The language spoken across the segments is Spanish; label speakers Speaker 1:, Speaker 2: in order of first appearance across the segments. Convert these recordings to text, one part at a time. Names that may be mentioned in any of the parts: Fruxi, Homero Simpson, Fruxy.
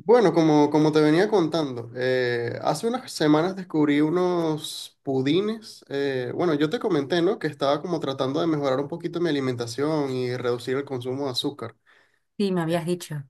Speaker 1: Bueno, como te venía contando, hace unas semanas descubrí unos pudines. Bueno, yo te comenté, ¿no? Que estaba como tratando de mejorar un poquito mi alimentación y reducir el consumo de azúcar.
Speaker 2: Sí, me habías dicho.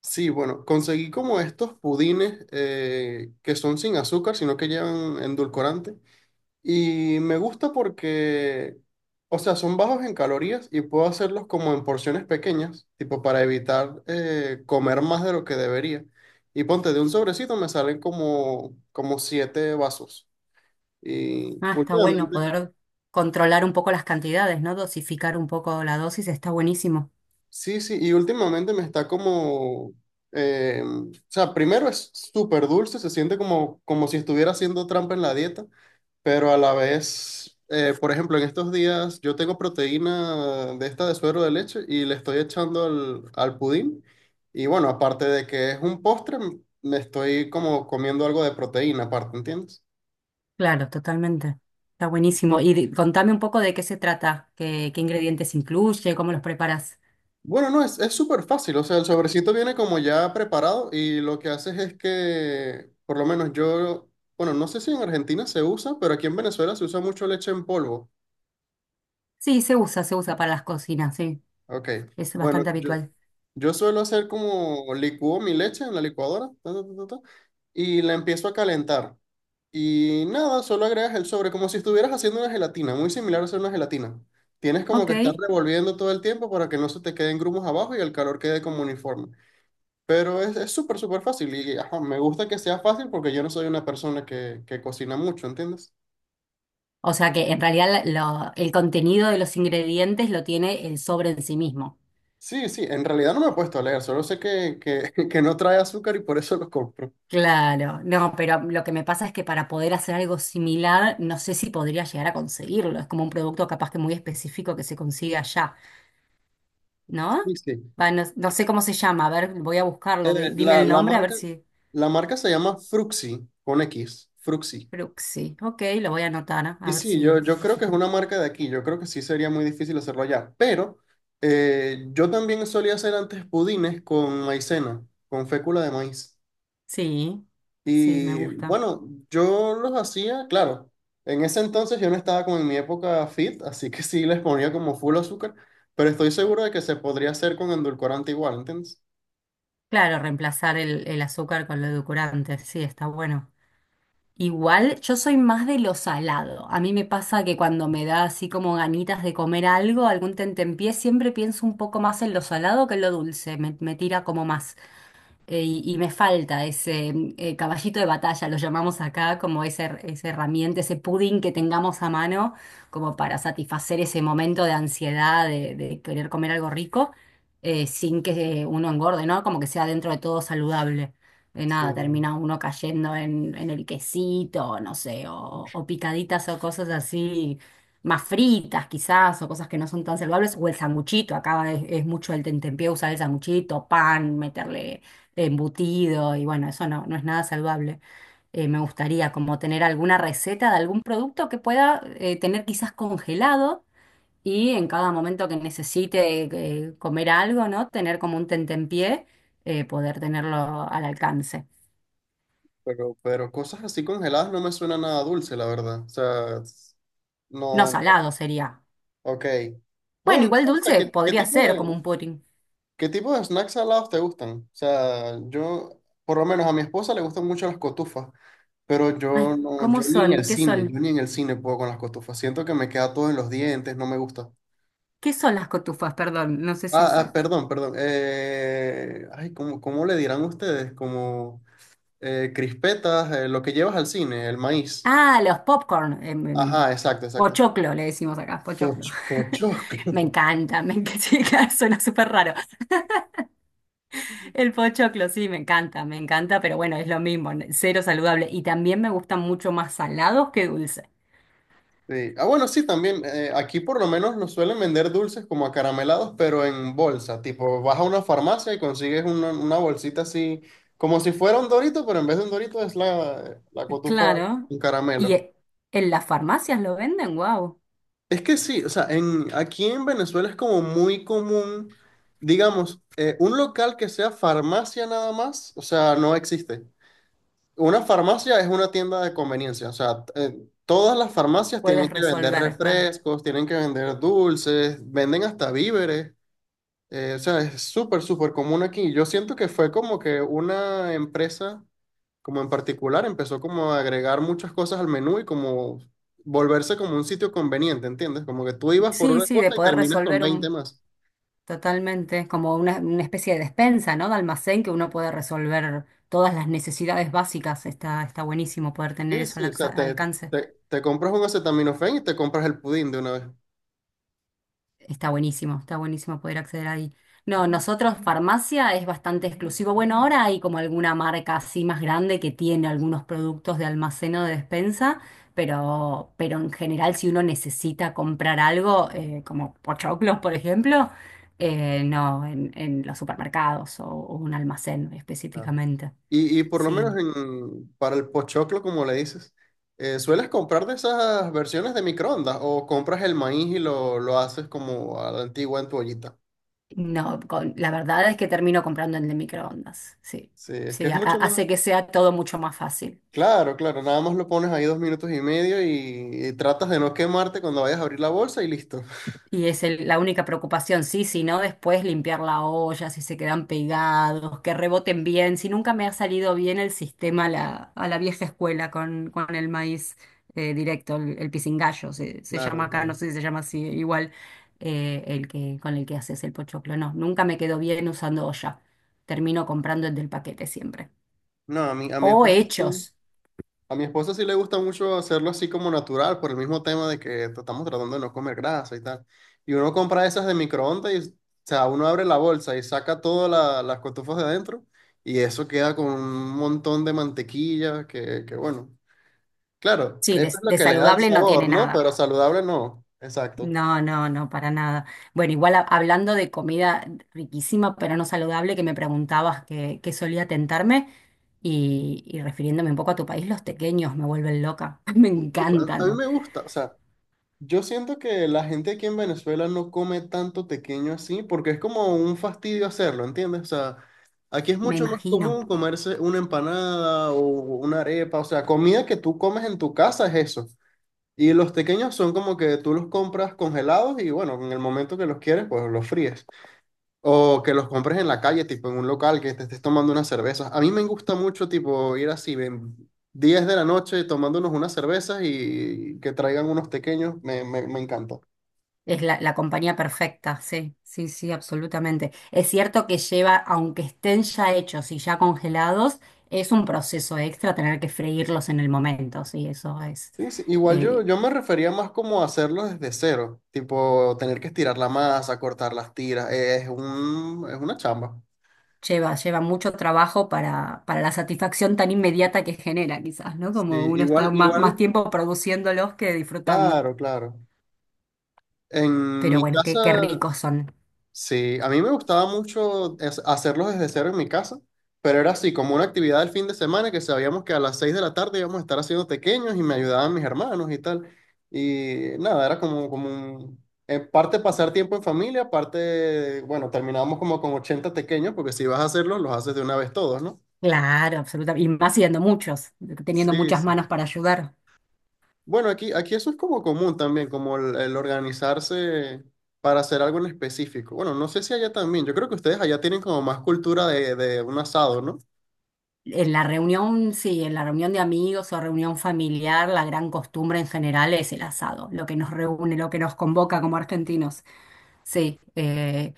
Speaker 1: Sí, bueno, conseguí como estos pudines que son sin azúcar, sino que llevan endulcorante. Y me gusta porque, o sea, son bajos en calorías y puedo hacerlos como en porciones pequeñas, tipo para evitar comer más de lo que debería. Y ponte, de un sobrecito me salen como siete vasos. Y
Speaker 2: Ah, está bueno
Speaker 1: últimamente,
Speaker 2: poder controlar un poco las cantidades, ¿no? Dosificar un poco la dosis, está buenísimo.
Speaker 1: sí, sí, y últimamente me está como, o sea, primero es súper dulce, se siente como si estuviera haciendo trampa en la dieta. Pero a la vez, por ejemplo, en estos días yo tengo proteína de esta de suero de leche y le estoy echando al pudín. Y bueno, aparte de que es un postre, me estoy como comiendo algo de proteína aparte, ¿entiendes?
Speaker 2: Claro, totalmente. Está buenísimo. Y contame un poco de qué se trata, qué ingredientes incluye, cómo los preparas.
Speaker 1: Bueno, no, es súper fácil, o sea, el sobrecito viene como ya preparado y lo que haces es que, por lo menos yo, bueno, no sé si en Argentina se usa, pero aquí en Venezuela se usa mucho leche en polvo.
Speaker 2: Sí, se usa para las cocinas, sí.
Speaker 1: Ok,
Speaker 2: Es
Speaker 1: bueno,
Speaker 2: bastante habitual.
Speaker 1: yo suelo hacer como licúo mi leche en la licuadora ta, ta, ta, ta, ta, y la empiezo a calentar. Y nada, solo agregas el sobre, como si estuvieras haciendo una gelatina, muy similar a hacer una gelatina. Tienes como
Speaker 2: Ok.
Speaker 1: que estar revolviendo todo el tiempo para que no se te queden grumos abajo y el calor quede como uniforme. Pero es súper, súper fácil y ajá, me gusta que sea fácil porque yo no soy una persona que cocina mucho, ¿entiendes?
Speaker 2: O sea que en realidad el contenido de los ingredientes lo tiene el sobre en sí mismo.
Speaker 1: Sí, sí, en realidad no me he puesto a leer, solo sé que no trae azúcar y por eso lo compro.
Speaker 2: Claro, no, pero lo que me pasa es que para poder hacer algo similar, no sé si podría llegar a conseguirlo. Es como un producto capaz que muy específico que se consigue allá, ¿no?
Speaker 1: Sí, sí.
Speaker 2: Va, no, no sé cómo se llama, a ver, voy a buscarlo.
Speaker 1: Eh,
Speaker 2: Dime
Speaker 1: la,
Speaker 2: el
Speaker 1: la
Speaker 2: nombre, a ver
Speaker 1: marca,
Speaker 2: si.
Speaker 1: la marca se llama Fruxy, con X, Fruxy.
Speaker 2: Fruxi. Ok, lo voy a anotar,
Speaker 1: Y
Speaker 2: a ver
Speaker 1: sí,
Speaker 2: si, a
Speaker 1: yo
Speaker 2: ver
Speaker 1: creo
Speaker 2: si.
Speaker 1: que es una marca de aquí, yo creo que sí sería muy difícil hacerlo allá, pero yo también solía hacer antes pudines con maicena, con fécula de maíz.
Speaker 2: Sí, sí, me
Speaker 1: Y
Speaker 2: gusta.
Speaker 1: bueno, yo los hacía, claro, en ese entonces yo no estaba como en mi época fit, así que sí les ponía como full azúcar, pero estoy seguro de que se podría hacer con endulcorante igual, ¿entiendes?
Speaker 2: Claro, reemplazar el azúcar con lo edulcorante, sí, está bueno. Igual, yo soy más de lo salado. A mí me pasa que cuando me da así como ganitas de comer algo, algún tentempié, siempre pienso un poco más en lo salado que en lo dulce. Me tira como más y me falta ese caballito de batalla, lo llamamos acá, como ese, esa herramienta, ese pudding que tengamos a mano, como para satisfacer ese momento de ansiedad, de querer comer algo rico, sin que uno engorde, ¿no? Como que sea dentro de todo saludable. De nada,
Speaker 1: Sí.
Speaker 2: termina uno cayendo en el quesito, no sé, o picaditas o cosas así, más fritas quizás, o cosas que no son tan saludables, o el sanguchito, acá es mucho el tentempié usar el sanguchito, pan, meterle embutido y bueno, eso no, no es nada saludable. Me gustaría como tener alguna receta de algún producto que pueda tener quizás congelado y en cada momento que necesite comer algo, ¿no? Tener como un tentempié, poder tenerlo al alcance.
Speaker 1: Pero cosas así congeladas no me suena nada dulce, la verdad. O sea,
Speaker 2: No,
Speaker 1: no, no.
Speaker 2: salado sería.
Speaker 1: Ok. Bueno,
Speaker 2: Bueno,
Speaker 1: no
Speaker 2: igual
Speaker 1: sé, o sea,
Speaker 2: dulce
Speaker 1: ¿qué, qué
Speaker 2: podría
Speaker 1: tipo
Speaker 2: ser como
Speaker 1: de,
Speaker 2: un pudding.
Speaker 1: qué tipo de snacks salados te gustan? O sea, yo, por lo menos a mi esposa le gustan mucho las cotufas, pero
Speaker 2: Ay,
Speaker 1: yo no, yo
Speaker 2: ¿cómo
Speaker 1: ni en el
Speaker 2: son? ¿Qué
Speaker 1: cine, yo
Speaker 2: son?
Speaker 1: ni en el cine puedo con las cotufas. Siento que me queda todo en los dientes, no me gusta.
Speaker 2: ¿Qué son las cotufas? Perdón, no sé si es...
Speaker 1: Ah, perdón, perdón. Ay, ¿cómo le dirán ustedes? Como crispetas, lo que llevas al cine, el maíz.
Speaker 2: Ah, los popcorn.
Speaker 1: Ajá, exacto, exacto.
Speaker 2: Pochoclo, le decimos acá, pochoclo.
Speaker 1: Pochoclo.
Speaker 2: Me encanta, sí, claro, suena súper raro. El pochoclo, sí, me encanta, pero bueno, es lo mismo, cero saludable. Y también me gustan mucho más salados que dulces.
Speaker 1: Sí. Ah, bueno, sí, también. Aquí por lo menos nos suelen vender dulces como acaramelados, pero en bolsa. Tipo, vas a una farmacia y consigues una bolsita así, como si fuera un Dorito, pero en vez de un Dorito es la cotufa,
Speaker 2: Claro.
Speaker 1: un
Speaker 2: Y
Speaker 1: caramelo.
Speaker 2: en las farmacias lo venden, wow.
Speaker 1: Es que sí, o sea, aquí en Venezuela es como muy común, digamos, un local que sea farmacia nada más, o sea, no existe. Una farmacia es una tienda de conveniencia, o sea, todas las farmacias tienen
Speaker 2: Puedes
Speaker 1: que vender
Speaker 2: resolver, claro.
Speaker 1: refrescos, tienen que vender dulces, venden hasta víveres, o sea, es súper, súper común aquí. Yo siento que fue como que una empresa, como en particular, empezó como a agregar muchas cosas al menú y como volverse como un sitio conveniente, ¿entiendes? Como que tú ibas por
Speaker 2: Sí,
Speaker 1: una
Speaker 2: sí, de
Speaker 1: cosa y
Speaker 2: poder
Speaker 1: terminas con
Speaker 2: resolver
Speaker 1: 20
Speaker 2: un...
Speaker 1: más.
Speaker 2: Totalmente, es como una especie de despensa, ¿no? De almacén que uno puede resolver todas las necesidades básicas. Está, está buenísimo poder tener
Speaker 1: Sí,
Speaker 2: eso al
Speaker 1: sí, o sea,
Speaker 2: alcance.
Speaker 1: te compras un acetaminofén y te compras el pudín de una vez.
Speaker 2: Está buenísimo poder acceder ahí. No, nosotros farmacia es bastante exclusivo. Bueno, ahora hay como alguna marca así más grande que tiene algunos productos de almacén o de despensa, pero en general si uno necesita comprar algo, como pochoclos, por ejemplo, no, en los supermercados o un almacén
Speaker 1: Claro.
Speaker 2: específicamente.
Speaker 1: Y por lo menos
Speaker 2: Sí,
Speaker 1: para el pochoclo, como le dices, ¿sueles comprar de esas versiones de microondas o compras el maíz y lo haces como a la antigua en tu ollita?
Speaker 2: no, la verdad es que termino comprando en el de microondas. Sí,
Speaker 1: Sí, es que
Speaker 2: sí,
Speaker 1: es mucho más.
Speaker 2: hace que sea todo mucho más fácil.
Speaker 1: Claro, claro, nada más lo pones ahí 2 minutos y medio y tratas de no quemarte cuando vayas a abrir la bolsa y listo.
Speaker 2: Y es la única preocupación, sí, si no, después limpiar la olla, si se quedan pegados, que reboten bien. Si nunca me ha salido bien el sistema a a la vieja escuela con el maíz directo, el pisingallo, se llama
Speaker 1: Claro,
Speaker 2: acá, no
Speaker 1: claro.
Speaker 2: sé si se llama así, igual el que, con el que haces el pochoclo. No, nunca me quedó bien usando olla. Termino comprando el del paquete siempre.
Speaker 1: No, a mí es
Speaker 2: O hechos.
Speaker 1: a mi esposa sí le gusta mucho hacerlo así como natural, por el mismo tema de que estamos tratando de no comer grasa y tal. Y uno compra esas de microondas y, o sea, uno abre la bolsa y saca todas las cotufas de adentro y eso queda con un montón de mantequilla que bueno. Claro,
Speaker 2: Sí,
Speaker 1: eso es lo
Speaker 2: de
Speaker 1: que le da el
Speaker 2: saludable no
Speaker 1: sabor,
Speaker 2: tiene
Speaker 1: ¿no?
Speaker 2: nada.
Speaker 1: Pero saludable no. Exacto.
Speaker 2: No, no, no, para nada. Bueno, igual hablando de comida riquísima pero no saludable, que me preguntabas qué solía tentarme y refiriéndome un poco a tu país, los tequeños me vuelven loca, me
Speaker 1: A mí
Speaker 2: encantan,
Speaker 1: me gusta, o sea. Yo siento que la gente aquí en Venezuela no come tanto tequeño así porque es como un fastidio hacerlo, ¿entiendes? O sea, aquí es
Speaker 2: me
Speaker 1: mucho más
Speaker 2: imagino.
Speaker 1: común comerse una empanada o una arepa, o sea, comida que tú comes en tu casa es eso. Y los tequeños son como que tú los compras congelados y bueno, en el momento que los quieres, pues los fríes. O que los compres en la calle, tipo en un local, que te estés tomando unas cervezas. A mí me gusta mucho, tipo, ir así, ven, 10 de la noche tomándonos unas cervezas y que traigan unos pequeños. Me encanta.
Speaker 2: Es la compañía perfecta, sí, sí, sí, absolutamente. Es cierto que lleva, aunque estén ya hechos y ya congelados, es un proceso extra tener que freírlos en el momento, sí, eso es.
Speaker 1: Sí, sí. Igual
Speaker 2: eh,
Speaker 1: yo me refería más como a hacerlo desde cero, tipo tener que estirar la masa, cortar las tiras, es una chamba.
Speaker 2: Lleva, lleva mucho trabajo para la satisfacción tan inmediata que genera, quizás, ¿no?
Speaker 1: Sí,
Speaker 2: Como uno
Speaker 1: igual,
Speaker 2: está más,
Speaker 1: igual,
Speaker 2: tiempo produciéndolos que disfrutando.
Speaker 1: claro, claro. En
Speaker 2: Pero
Speaker 1: mi
Speaker 2: bueno,
Speaker 1: casa,
Speaker 2: qué, qué ricos son.
Speaker 1: sí, a mí me gustaba mucho hacerlos desde cero en mi casa, pero era así como una actividad del fin de semana que sabíamos que a las 6 de la tarde íbamos a estar haciendo pequeños y me ayudaban mis hermanos y tal. Y nada, era como un, en parte pasar tiempo en familia, parte, bueno, terminábamos como con 80 pequeños porque si vas a hacerlos, los haces de una vez todos, ¿no?
Speaker 2: Claro, absolutamente. Y más siendo muchos, teniendo
Speaker 1: Sí,
Speaker 2: muchas
Speaker 1: sí.
Speaker 2: manos para ayudar.
Speaker 1: Bueno, aquí eso es como común también, como el organizarse para hacer algo en específico. Bueno, no sé si allá también. Yo creo que ustedes allá tienen como más cultura de un asado, ¿no?
Speaker 2: En la reunión, sí, en la reunión de amigos o reunión familiar, la gran costumbre en general es el asado, lo que nos reúne, lo que nos convoca como argentinos. Sí,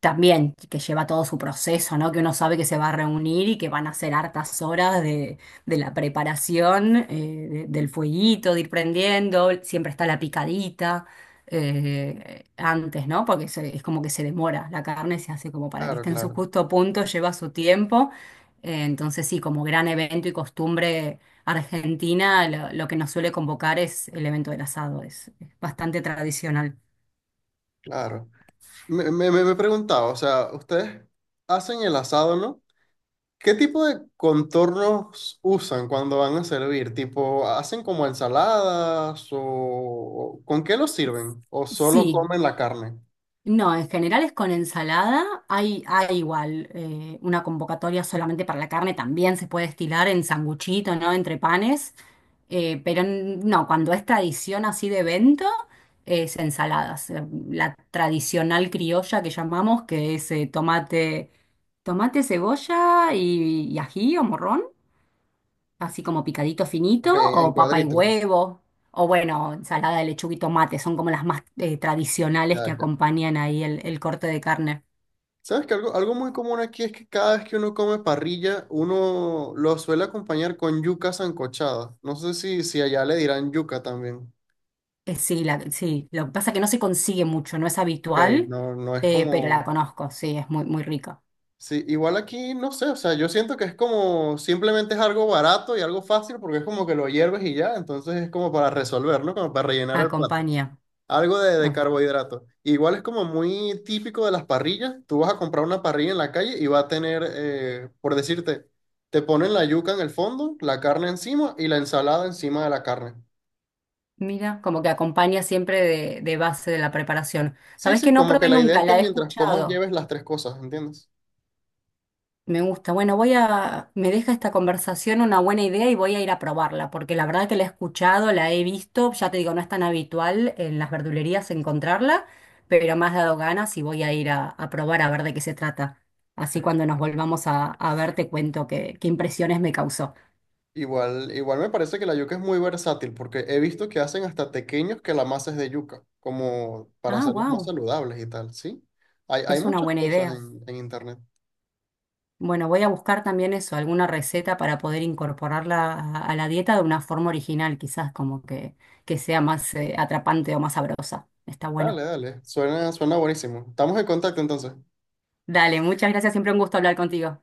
Speaker 2: también que lleva todo su proceso, ¿no? Que uno sabe que se va a reunir y que van a ser hartas horas de la preparación, del fueguito, de ir prendiendo, siempre está la picadita antes, ¿no? Porque es como que se demora, la carne se hace como para que
Speaker 1: Claro,
Speaker 2: esté en su
Speaker 1: claro,
Speaker 2: justo punto, lleva su tiempo. Entonces sí, como gran evento y costumbre argentina, lo que nos suele convocar es el evento del asado, es bastante tradicional.
Speaker 1: claro. Me he preguntado, o sea, ustedes hacen el asado, ¿no? ¿Qué tipo de contornos usan cuando van a servir? ¿Tipo, hacen como ensaladas o con qué lo sirven? ¿O solo
Speaker 2: Sí,
Speaker 1: comen la carne?
Speaker 2: no, en general es con ensalada. Hay igual una convocatoria solamente para la carne, también se puede estilar en sanguchito, ¿no? Entre panes. Pero no, cuando es tradición así de evento, es ensaladas. La tradicional criolla que llamamos, que es tomate, tomate, cebolla y ají o morrón así como picadito
Speaker 1: Ok,
Speaker 2: finito,
Speaker 1: en
Speaker 2: o papa y
Speaker 1: cuadritos.
Speaker 2: huevo, o bueno, ensalada de lechuga y tomate, son como las más tradicionales
Speaker 1: Ya,
Speaker 2: que
Speaker 1: ya.
Speaker 2: acompañan ahí el corte de carne.
Speaker 1: ¿Sabes que algo muy común aquí es que cada vez que uno come parrilla, uno lo suele acompañar con yuca sancochada? No sé si allá le dirán yuca también.
Speaker 2: Sí, sí, lo que pasa es que no se consigue mucho, no es
Speaker 1: Ok,
Speaker 2: habitual,
Speaker 1: no, no es
Speaker 2: pero la
Speaker 1: como...
Speaker 2: conozco, sí, es muy, muy rica.
Speaker 1: Sí, igual aquí, no sé, o sea, yo siento que es como simplemente es algo barato y algo fácil porque es como que lo hierves y ya, entonces es como para resolver, ¿no? Como para rellenar el plato.
Speaker 2: Acompaña.
Speaker 1: Algo de
Speaker 2: Ah,
Speaker 1: carbohidrato. Igual es como muy típico de las parrillas. Tú vas a comprar una parrilla en la calle y va a tener, por decirte, te ponen la yuca en el fondo, la carne encima y la ensalada encima de la carne.
Speaker 2: mira, como que acompaña siempre de base de la preparación.
Speaker 1: Sí,
Speaker 2: ¿Sabés que
Speaker 1: sí,
Speaker 2: no
Speaker 1: como que
Speaker 2: probé
Speaker 1: la idea es
Speaker 2: nunca?
Speaker 1: que
Speaker 2: La he
Speaker 1: mientras comas
Speaker 2: escuchado.
Speaker 1: lleves las tres cosas, ¿entiendes?
Speaker 2: Me gusta. Bueno, voy a, me deja esta conversación una buena idea y voy a ir a probarla, porque la verdad que la he escuchado, la he visto, ya te digo, no es tan habitual en las verdulerías encontrarla, pero me has dado ganas y voy a ir a probar a ver de qué se trata. Así cuando nos volvamos a ver te cuento qué, qué impresiones me causó.
Speaker 1: Igual, igual me parece que la yuca es muy versátil porque he visto que hacen hasta tequeños que la masa es de yuca, como para
Speaker 2: Ah,
Speaker 1: hacerlos más
Speaker 2: wow,
Speaker 1: saludables y tal, ¿sí? Hay
Speaker 2: es una
Speaker 1: muchas
Speaker 2: buena
Speaker 1: cosas
Speaker 2: idea.
Speaker 1: en internet.
Speaker 2: Bueno, voy a buscar también eso, alguna receta para poder incorporarla a la dieta de una forma original, quizás como que sea más atrapante o más sabrosa. Está bueno.
Speaker 1: Dale, dale, suena buenísimo. Estamos en contacto entonces.
Speaker 2: Dale, muchas gracias, siempre un gusto hablar contigo.